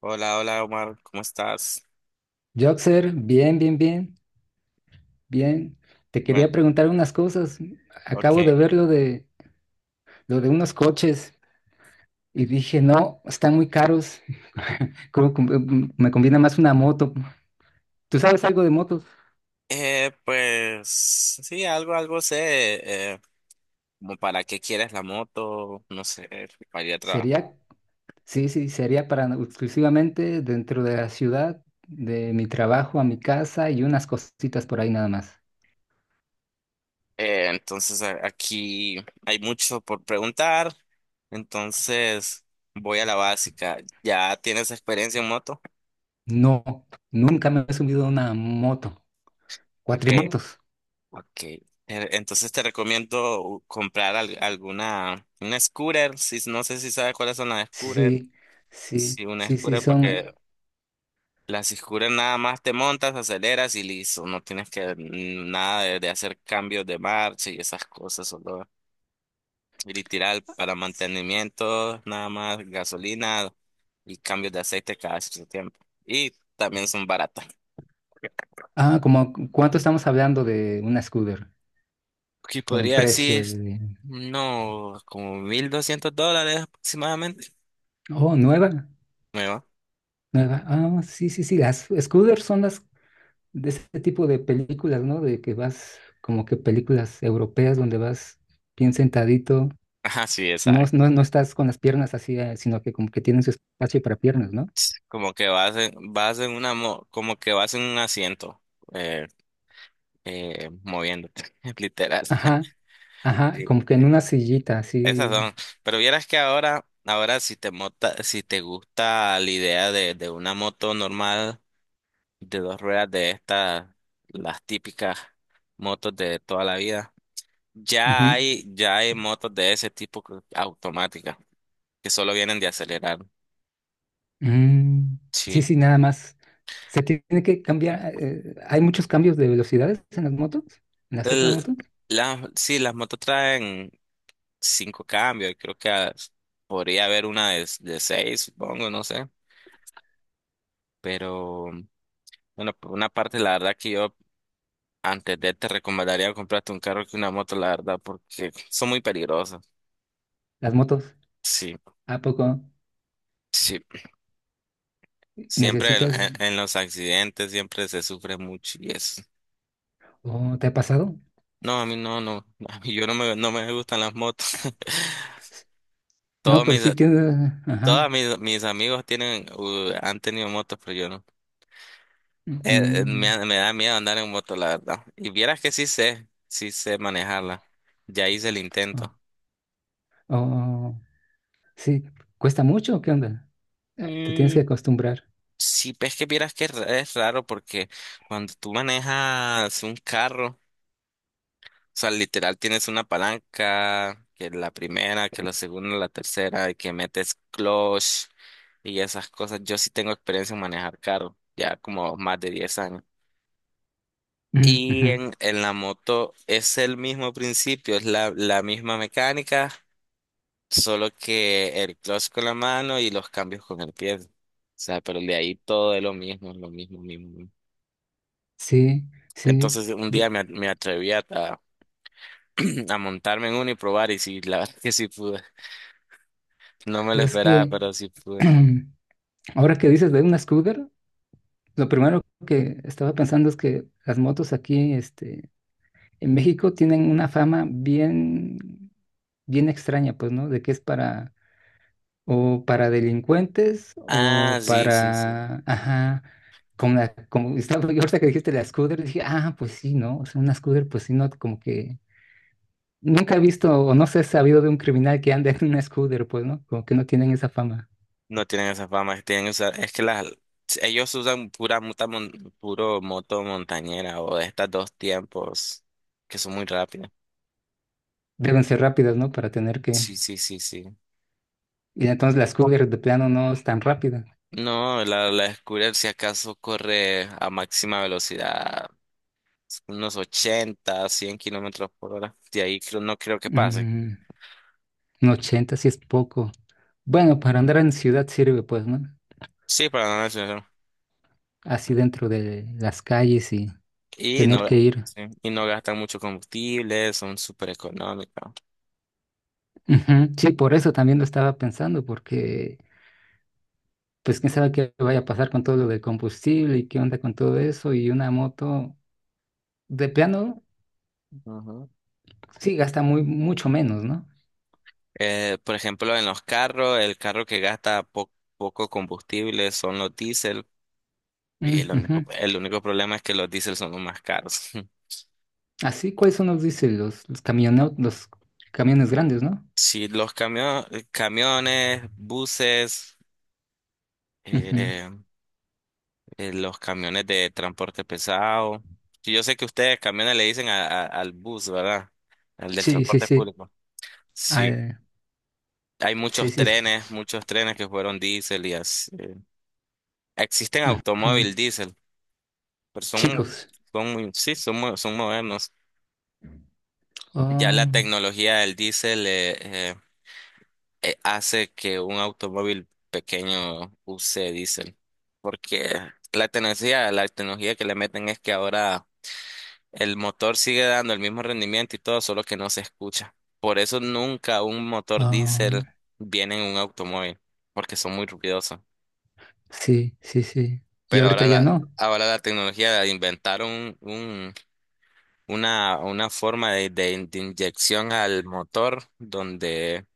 Hola, hola Omar, ¿cómo estás? Joxer, bien, bien, bien, bien. Te Bueno, quería preguntar unas cosas. Acabo de ok. ver lo de unos coches y dije, no, están muy caros. Creo que me conviene más una moto. ¿Tú sabes algo de motos? Pues sí, algo sé, como para qué quieres la moto, no sé, para ir a trabajar. Sería, sí, sí, sería para no, exclusivamente dentro de la ciudad, de mi trabajo a mi casa y unas cositas por ahí nada más. Entonces aquí hay mucho por preguntar, entonces voy a la básica. ¿Ya tienes experiencia en moto? No, nunca me he subido a una moto. Ok, Cuatrimotos. ok. Entonces te recomiendo comprar alguna, una scooter, si, no sé si sabes cuáles son las scooter. Sí, sí, Sí, una sí, sí, scooter son. porque la Siscura nada más te montas, aceleras y listo. No tienes que nada de hacer cambios de marcha y esas cosas. Solo ir y tirar para mantenimiento, nada más gasolina y cambios de aceite cada cierto tiempo. Y también son baratas. Ah, ¿como cuánto estamos hablando de una scooter Aquí con el podría precio decir, de? no, como $1,200 aproximadamente. Oh, nueva, Me va. nueva. Ah, sí, sí, sí. Las scooters son las de este tipo de películas, ¿no? De que vas como que películas europeas donde vas bien sentadito. Ajá, sí, No, no, exacto. no estás con las piernas así, sino que como que tienen su espacio para piernas, ¿no? Como que vas en una, como que vas en un asiento, eh, moviéndote, literal. Ajá, ajá, como que en una sillita Esas así. son. Pero vieras que ahora si te mota, si te gusta la idea de una moto normal de dos ruedas de estas, las típicas motos de toda la vida, Ujú. Ya hay motos de ese tipo automáticas que solo vienen de acelerar. Mm, sí, Sí. sí, nada más. Se tiene que cambiar. ¿Hay muchos cambios de velocidades en las motos? ¿En las otras El- motos? Sí, las motos traen cinco cambios. Creo que podría haber una de seis, supongo, no sé. Pero bueno, por una parte, la verdad que yo antes de te recomendaría comprarte un carro que una moto, la verdad, porque son muy peligrosas. Las motos. Sí, ¿A poco sí. Siempre necesitas en los accidentes siempre se sufre mucho y eso. o te ha pasado? No, a mí no, no. A mí yo no me, no me gustan las motos. S- No, Todos pero mis, sí tiene. Ajá. todas mis, mis amigos tienen, han tenido motos, pero yo no. Mm, Me da miedo andar en moto, la verdad. Y vieras que sí sé manejarla. Ya hice el oh, intento. oh, sí, cuesta mucho. ¿O qué onda? Te tienes que Mm, acostumbrar. sí, ves que vieras que es es raro porque cuando tú manejas un carro, o sea, literal tienes una palanca, que la primera, que la segunda, la tercera, y que metes clutch y esas cosas. Yo sí tengo experiencia en manejar carro, ya como más de 10 años. Mm, Y ujú, en la moto es el mismo principio, es la misma mecánica, solo que el clutch con la mano y los cambios con el pie. O sea, pero de ahí todo es lo mismo, mismo. sí, sí. Entonces un día bu- me atreví a montarme en uno y probar y sí, la verdad que sí pude. No me lo pues es esperaba, que pero sí pude. ahora que dices de una scooter, lo primero que estaba pensando es que las motos aquí, este, en México tienen una fama bien, bien extraña, pues, ¿no? De que es para, o para delincuentes, Ah, o sí, sí, sí. para, ajá, como estaba yo ahorita que dijiste la Scooter, dije, ah, pues sí, ¿no? O sea, una Scooter, pues sí, no, como que nunca he visto, o no sé, he sabido de un criminal que ande en una Scooter, pues, ¿no? Como que no tienen esa fama. No tienen esa fama, que tienen esa, es que las ellos usan puro moto montañera o de estas dos tiempos que son muy rápidas. Deben ser rápidas, ¿no? Para tener que, Sí, sí, sí, sí. y entonces la Scooter de plano no es tan rápida. No, la scooter si acaso corre a máxima velocidad, unos 80 a 100 km/h. De ahí no creo que pase. Mm. Un 80 sí es poco. Bueno, para andar en ciudad sirve, pues, ¿no? Sí, para no mencionar. Así dentro de las calles y Y tener que no, ir. sí, y no gastan mucho combustible, son súper económicas. Ujú. Sí, por eso también lo estaba pensando, porque pues quién sabe qué vaya a pasar con todo lo del combustible y qué onda con todo eso. Y una moto de plano Ujú. sí gasta muy, mucho menos, ¿no? Por ejemplo, en los carros, el carro que gasta poco combustible son los diésel. Y Mm, ujú. El único problema es que los diésel son los más caros. Así, ¿cuáles son los, dice, los camiones, los camiones grandes, ¿no? Sí, los camiones, buses, Ujú. eh, los camiones de transporte pesado. Sí, yo sé que ustedes camiones le dicen al bus, ¿verdad? Al del Sí, sí, transporte sí. público. Sí. Al- Hay sí, sí, sí. Muchos trenes que fueron diésel y así. Existen Ujú. automóvil diésel, pero son, Chicos. son muy, sí, son, son modernos. Ya la Oh. tecnología del diésel hace que un automóvil pequeño use diésel, porque la tecnología que le meten es que ahora el motor sigue dando el mismo rendimiento y todo, solo que no se escucha. Por eso nunca un motor diésel Ah, viene en un automóvil, porque son muy ruidosos. sí, sí, sí. Y Pero ahorita ya no. ahora la tecnología de inventar una forma de inyección al motor donde,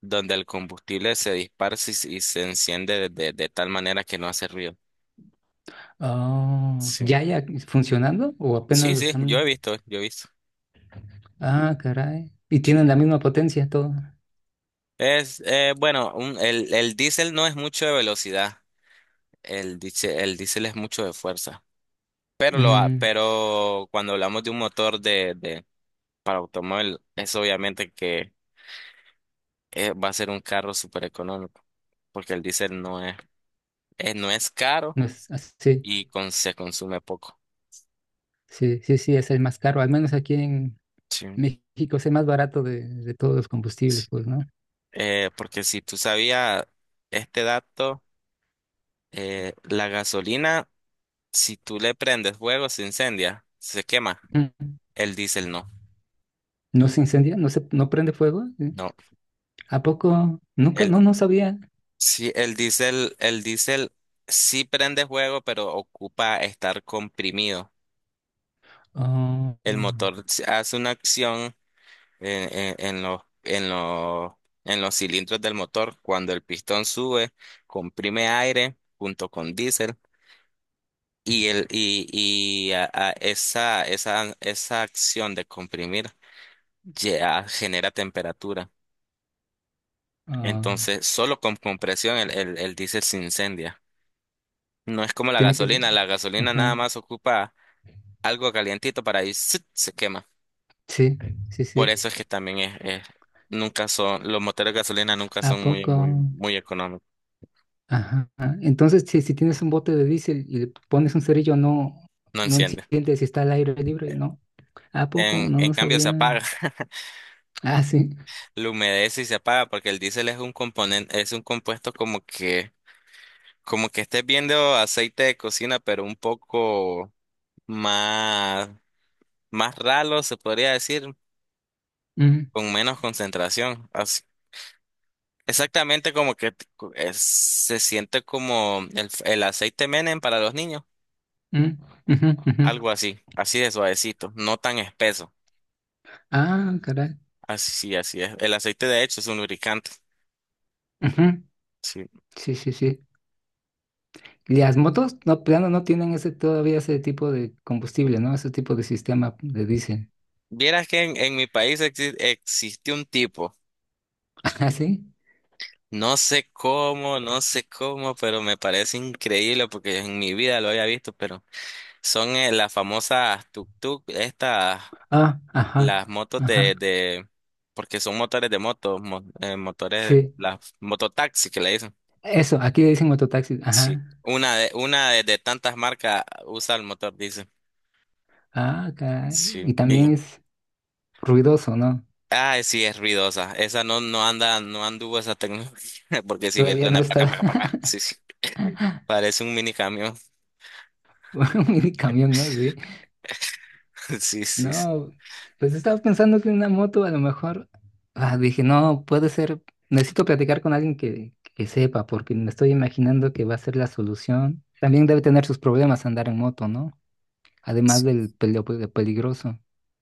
donde el combustible se dispara se enciende de tal manera que no hace ruido. Ah, Sí, ¿ya ya funcionando o apenas sí, lo sí, yo he están? visto, yo he visto. Ah, caray. Y tienen la misma potencia todo. Es, bueno, el diésel no es mucho de velocidad. El diésel es mucho de fuerza, pero Mm, pero cuando hablamos de un motor de para automóvil, es obviamente que va a ser un carro súper económico, porque el diésel no es, no es caro no es así. Se consume poco. Sí, sí, sí, es el más caro. Al menos aquí en Sí. México es el más barato de, todos los combustibles, pues, ¿no? Porque si tú sabías este dato, la gasolina, si tú le prendes fuego, se incendia, se quema. Mm. El diésel no. ¿No se incendia? No prende fuego? ¿Sí? No. ¿A poco? Nunca, no, no sabía. Sí, el diésel sí prende fuego, pero ocupa estar comprimido. Ah, El motor hace una acción en en en los cilindros del motor. Cuando el pistón sube, comprime aire junto con diésel y, el, y a esa, esa, esa acción de comprimir ya genera temperatura. ah, Entonces, solo con compresión el diésel se incendia. No es como tiene que ser. La gasolina nada Ujú. más ocupa algo calientito para ahí ¡zut! Se quema. Sí, sí, Por sí. eso es que también nunca son, los motores de gasolina nunca ¿A son muy, poco? muy, muy económicos. Ajá. Entonces, si tienes un bote de diésel y le pones un cerillo, no, No no enciende. enciende si está al aire libre, ¿no? ¿A poco? No, En no cambio se sabía. apaga, Ah, sí. lo humedece y se apaga porque el diésel es un componente, es un compuesto como que estés viendo aceite de cocina, pero un más, más ralo, se podría decir, Ujú, con menos concentración. Exactamente como que se siente como el aceite Menem para los niños. ujú, ujú, ujú. Algo así, así de suavecito, no tan espeso. Ah, caray. Así, sí, así es. El aceite de hecho es un lubricante. Ujú. Sí. Sí, sí, sí. Las motos, no, plano, no no tienen ese todavía ese tipo de combustible, ¿no? Ese tipo de sistema de diésel. Vieras que en mi país existe un tipo, Ah, sí. no sé cómo, no sé cómo, pero me parece increíble porque en mi vida lo había visto, pero son las famosas tuk-tuk, estas, Ah, ajá, las motos ajá. Porque son motores de motos, motores, Sí. las mototaxis que le dicen. Eso, aquí le dicen mototaxi. Ajá. Sí, una de, una de tantas marcas usa el motor, dice. Ah, caray. Sí, Y y también es ruidoso, ¿no? ah, sí, es ruidosa. Esa no, no anda, no anduvo esa tecnología, porque si bien Todavía no suena paca, está. paca, paca. Sí, sí. Parece un mini camión. Un mini camión, ¿no? Sí. Sí, sí. No, pues estaba pensando que una moto a lo mejor. Ah, dije, no, puede ser. Necesito platicar con alguien que, sepa, porque me estoy imaginando que va a ser la solución. También debe tener sus problemas andar en moto, ¿no? Además Sí. del peligroso.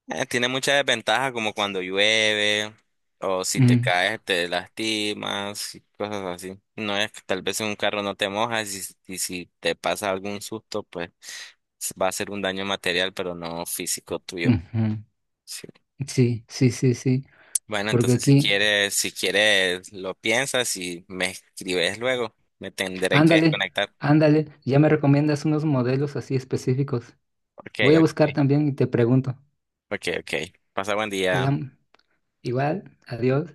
Tiene muchas desventajas, como cuando llueve, o si te Mm, caes, te lastimas, y cosas así. No es que tal vez en un carro no te mojas, y si te pasa algún susto, pues va a ser un daño material, pero no físico tuyo. ujú. Sí. Sí, sí, sí, sí. Bueno, Porque entonces si aquí. quieres, si quieres, lo piensas y me escribes luego. Me tendré que Ándale, desconectar. ándale. Ya me recomiendas unos modelos así específicos. Ok, Voy a buscar ok, también y te pregunto. ok, ok. Pasa buen día. Quedamos igual. Adiós.